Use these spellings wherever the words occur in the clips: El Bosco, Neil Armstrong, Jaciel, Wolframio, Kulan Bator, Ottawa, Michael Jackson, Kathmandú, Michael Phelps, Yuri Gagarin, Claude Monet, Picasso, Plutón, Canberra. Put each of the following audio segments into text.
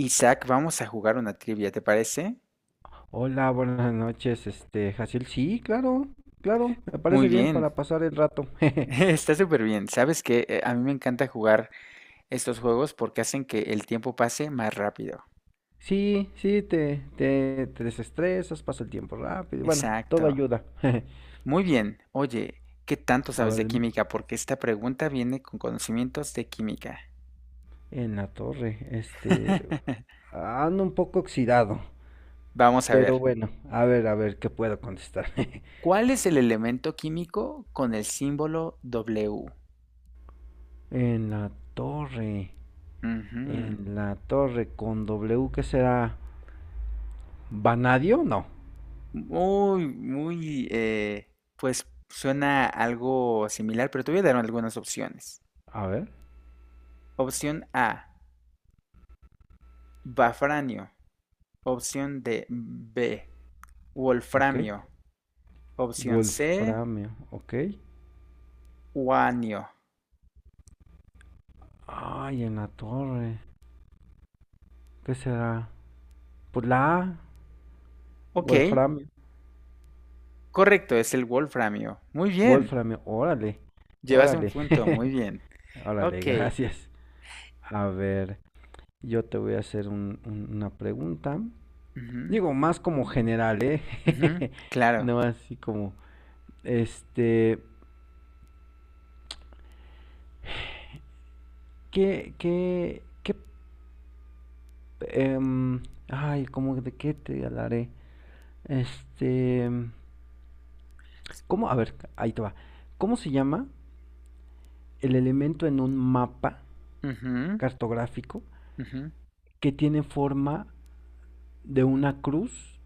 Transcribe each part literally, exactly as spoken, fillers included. Isaac, vamos a jugar una trivia, ¿te parece? Hola, buenas noches, este, Jaciel. Sí, claro, claro, me Muy parece bien para bien, pasar el rato. Jeje. está súper bien. Sabes que a mí me encanta jugar estos juegos porque hacen que el tiempo pase más rápido. Sí, sí, te, te, te desestresas, pasa el tiempo rápido. y Bueno, todo Exacto. ayuda. Jeje. Muy bien. Oye, ¿qué tanto A sabes ver, de dime. química? Porque esta pregunta viene con conocimientos de química. En la torre, este, ando un poco oxidado, Vamos a pero ver. bueno, a ver, a ver, ¿qué puedo contestar? ¿Cuál es el elemento químico con el símbolo W? En la torre, Ujú. en la torre con W, ¿qué será? ¿Vanadio? No. Muy, muy, eh, pues suena algo similar, pero te voy a dar algunas opciones. A ver, Opción A, bafranio. Opción D, B, ok. wolframio. Opción C, Wolframio, ok. uranio. Ay, en la torre. ¿Qué será? Pues la A, Ok, Wolframio. correcto, es el wolframio. Muy bien, Wolframio, órale, llevas un órale. punto, muy bien. Órale, Ok, gracias. A ver, yo te voy a hacer un- un- una pregunta. ujú, Digo, más como general, ¿eh? ujú, claro. No así como, este, ¿qué, qué, qué, em, ay, ¿cómo de qué te hablaré? Este, ¿cómo? A ver, ahí te va. ¿Cómo se llama el elemento en un mapa Ujú, cartográfico ujú. que tiene forma de una cruz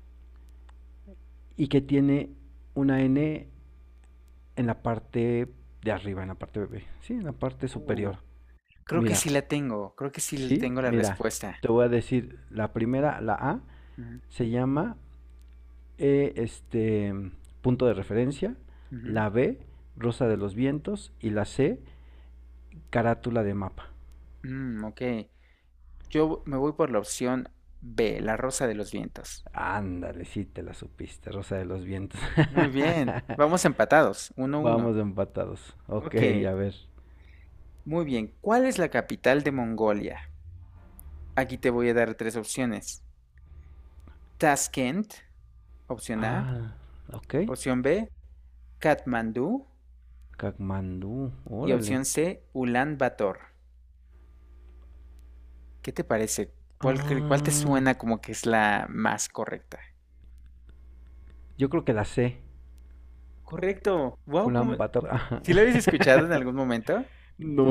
y que tiene una N en la parte de arriba, en la parte bebé, sí, en la parte Uh, superior? creo que Mira, sí la tengo, creo que sí sí, tengo la mira, respuesta. te voy a decir, la primera, la A, Ujú, se llama eh, este punto de referencia, ujú. la B, rosa de los vientos, y la C, carátula de mapa. Mm, ok. Yo me voy por la opción B, la rosa de los vientos. Ándale, sí te la supiste, rosa de los vientos. Muy bien. Vamos empatados, uno uno. Vamos empatados. Ok, Ok. a ver. Muy bien. ¿Cuál es la capital de Mongolia? Aquí te voy a dar tres opciones. Tashkent, opción A. Ah, ok. Opción B, Katmandú. Kathmandú, Y órale. opción C, Ulan Bator. ¿Qué te parece? ¿Cuál, cre- cuál te Ah, suena como que es la más correcta? yo creo que la sé. Correcto. Wow, ¿cómo? Kulan Bator. Ajá. ¿Sí la habías escuchado en algún momento? No.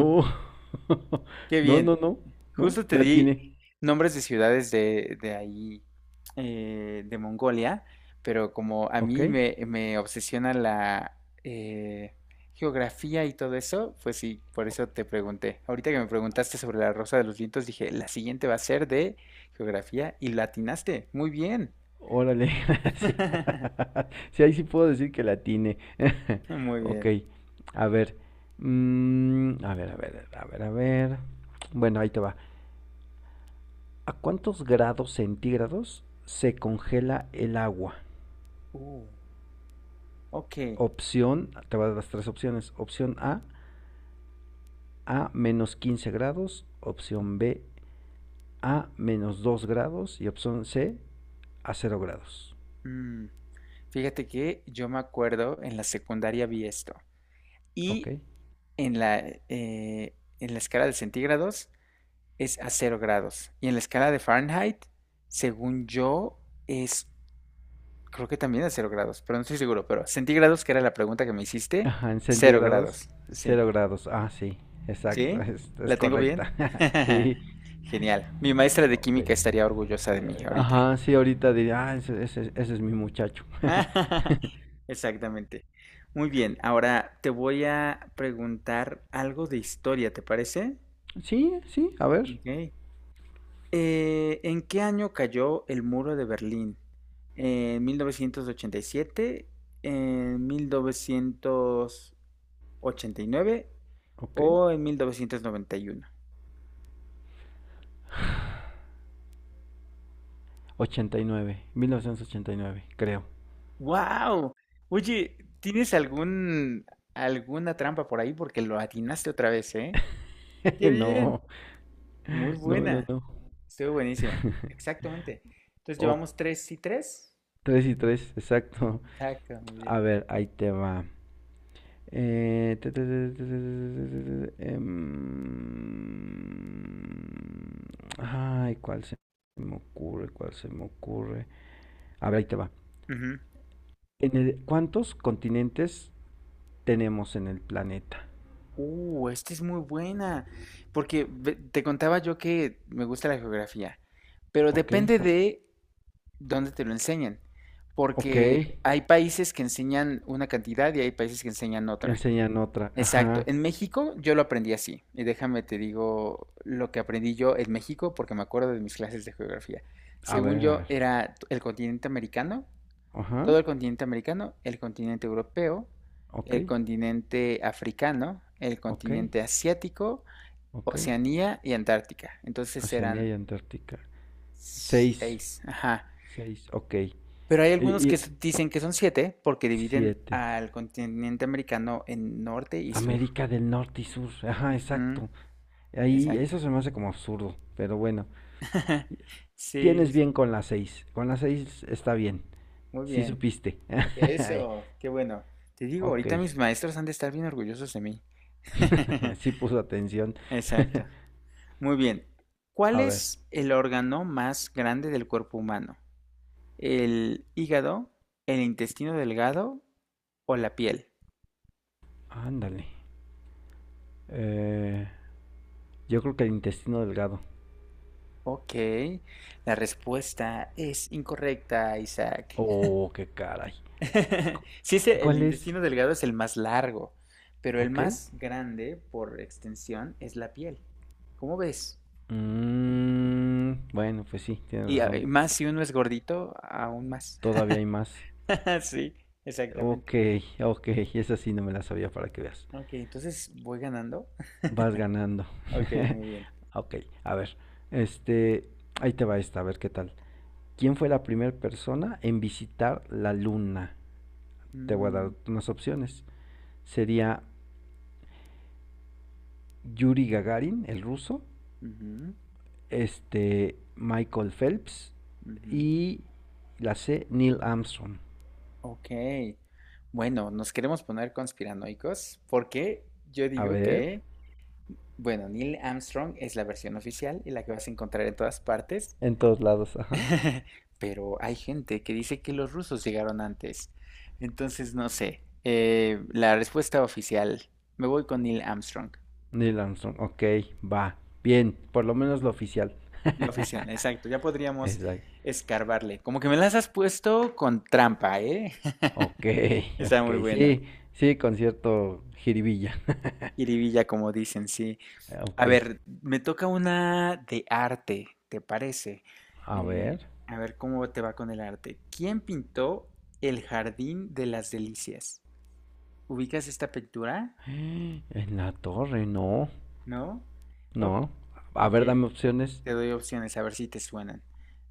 Qué No, no, bien. no. No, Justo te la di tiene. nombres de ciudades de, de ahí, eh, de Mongolia, pero como a Ok. mí me, me obsesiona la eh, geografía y todo eso, pues sí, por eso te pregunté. Ahorita que me preguntaste sobre la Rosa de los Vientos, dije, la siguiente va a ser de geografía y la atinaste. Muy bien. Órale, gracias. Sí, ahí sí puedo decir que la tiene. Muy Ok. bien. A ver. mm, a ver, a ver, a ver, a ver. Bueno, ahí te va. ¿A cuántos grados centígrados se congela el agua? Uh, ok. Opción, te va a dar las tres opciones. Opción A, a menos quince grados. Opción Ujú. B, a menos dos grados. Y opción C, a cero grados. Mm, fíjate que yo me acuerdo en la secundaria vi esto. ¿Ok? Y en la, eh, en la escala de centígrados es a cero grados. Y en la escala de Fahrenheit, según yo, es, creo que también a cero grados, pero no estoy seguro. Pero centígrados, que era la pregunta que me hiciste, Ajá, en cero centígrados, grados. Sí. cero grados. Ah, sí, exacto, ¿Sí? es, es ¿La tengo bien? correcta. Sí, Genial. Mi maestra de ok. química estaría orgullosa de mí Eh, ahorita. Ajá, sí, ahorita diría, ah, ese, ese- ese es mi muchacho. Exactamente. Muy bien, ahora te voy a preguntar algo de historia, ¿te parece? Sí, sí, a ver, Ok. Eh, ¿en qué año cayó el muro de Berlín? ¿En mil novecientos ochenta y siete, ¿en mil novecientos ochenta y nueve ok. ¿o en mil novecientos noventa y uno? Ochenta y nueve, mil novecientos ochenta y nueve, creo. ¡Wow! Oye, ¿tienes algún, ¿alguna trampa por ahí? Porque lo atinaste otra vez, ¿eh? ¡Qué bien! No, Muy no, no, buena. no. Estuvo buenísimo. Exactamente. Entonces O llevamos tres y tres. tres y tres, exacto. Exacto, muy bien. A ver, ahí te va. Eh, te- te- te- te- te- te- te- em, Ay, ¿cuál se me ocurre? ¿Cuál se me ocurre? A ver, ahí te va. Ujú. En el- ¿cuántos continentes tenemos en el planeta? Uh, esta es muy buena, porque ve- te contaba yo que me gusta la geografía, pero Ok, depende de dónde te lo enseñan, ok. porque hay países que enseñan una cantidad y hay países que enseñan Que otra. enseñan otra. Exacto, Ajá. en México yo lo aprendí así, y déjame te digo lo que aprendí yo en México, porque me acuerdo de mis clases de geografía. A Según ver, a yo, ver. era el continente americano Ajá. todo el continente americano, el continente europeo, Ok, el continente africano, el ok, continente asiático, ok. Oceanía y Antártica. Entonces Oceanía eran y Antártica. Seis, seis, ajá. seis, ok. Pero hay Y, algunos que y- s- dicen que son siete porque dividen siete. al continente americano en norte y sur. América del Norte y Sur. Ajá, Ujú, exacto. Ahí exacto. eso se me hace como absurdo, pero bueno. Sí, sí, Tienes sí. bien con la seis. Con la seis está bien. Muy Sí bien. supiste. Eso, qué bueno. Te digo, Ok. ahorita mis maestros han de estar bien orgullosos de mí. Sí puso atención. Exacto. Muy bien. ¿Cuál A ver, es el órgano más grande del cuerpo humano? ¿El hígado, el intestino delgado o la piel? ándale. Eh, yo creo que el intestino delgado. Ok, la respuesta es incorrecta, Isaac. Oh, qué caray. Cu- Sí, es el el ¿Cuál es? intestino delgado es el más largo, pero el Ok. más grande por extensión es la piel. ¿Cómo ves? Mm, bueno, pues sí, tienes Y a- y razón. más si uno es gordito, aún más. Todavía hay más. Sí, Ok, exactamente. ok, esa sí no me la sabía para que veas. Ok, entonces voy ganando. Vas ganando. Ok, muy bien. Ok, a ver, este, ahí te va esta, a ver qué tal. ¿Quién fue la primera persona en visitar la luna? Te voy a dar Mm, unas opciones. Sería Yuri Gagarin, el ruso, ujú, este, Michael Phelps ujú. y la C, Neil Armstrong. Ok. Bueno, nos queremos poner conspiranoicos porque yo A digo ver, que, bueno, Neil Armstrong es la versión oficial y la que vas a encontrar en todas partes, en todos lados, ajá. pero hay gente que dice que los rusos llegaron antes. Entonces, no sé. Eh, la respuesta oficial, me voy con Neil Armstrong. Neil Armstrong, ok, va, bien, por lo menos lo oficial. La oficial, exacto. Ya podríamos Exacto. escarbarle. Como que me las has puesto con trampa, ¿eh? Ok, Está ok, muy buena. sí, sí, concierto jiribilla. Jiribilla, como dicen, sí. A Ok, ver, me toca una de arte, ¿te parece? a Eh, ver. a ver cómo te va con el arte. ¿Quién pintó el Jardín de las Delicias? ¿Ubicas esta pintura? En la torre, no, ¿No? O- no. A ok, ver, dame opciones. te doy opciones a ver si te suenan.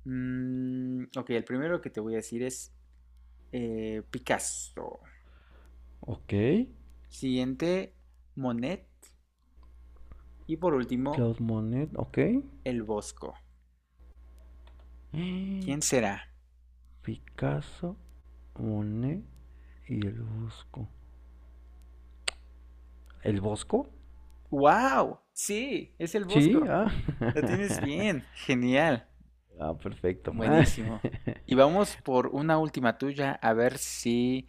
Mm, ok, el primero que te voy a decir es eh, Picasso. Ok, Siguiente, Monet. Y por último, Claude Monet, ok. el Bosco. ¿Quién será? Picasso, Monet y el Bosco. ¿El Bosco? ¡Wow! Sí, es el Sí, Bosco. ah. La tienes bien. Genial. Ah, perfecto. Buenísimo. Y vamos por una última tuya a ver si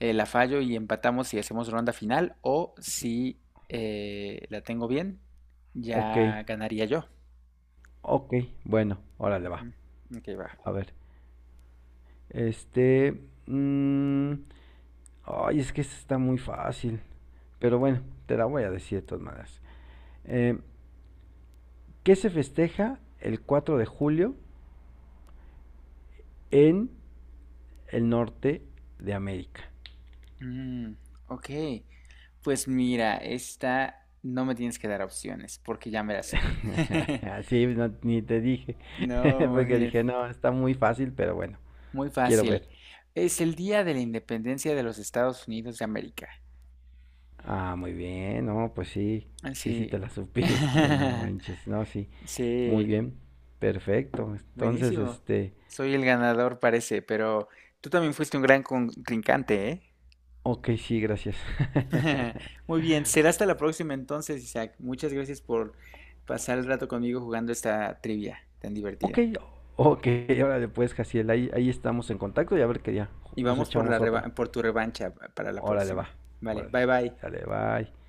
eh, la fallo y empatamos y hacemos ronda final o si eh, la tengo bien, Ok, ya ganaría yo. ok, bueno, órale Ujú. va. Ok, va. A ver, este... mm, ay, es que esta está muy fácil. Pero bueno, te la voy a decir de todas maneras. Eh, ¿Qué se festeja el cuatro de julio en el norte de América? Mm, ok. Pues mira, esta no me tienes que dar opciones porque ya me la sé. Sí, no, ni te dije. No, muy Porque bien. dije, no, está muy fácil, pero bueno, Muy quiero fácil. ver. Es el día de la independencia de los Estados Unidos de América. Ah, muy bien, no, pues sí. Ah, Sí, sí, sí. te la supiste, no manches. No, sí. Muy Sí. bien. Perfecto. Entonces, Buenísimo. este... Soy el ganador, parece, pero tú también fuiste un gran contrincante, ¿eh? Ok, sí, gracias. Muy bien. Será hasta la próxima entonces, Isaac. Muchas gracias por pasar el rato conmigo jugando esta trivia tan Ok, divertida. ok, órale pues, Jaciel, ahí, ahí estamos en contacto y a ver qué día Y nos vamos por la echamos otra. reva- por tu revancha para la Órale, próxima. va, Vale, órale, bye bye. sale, bye.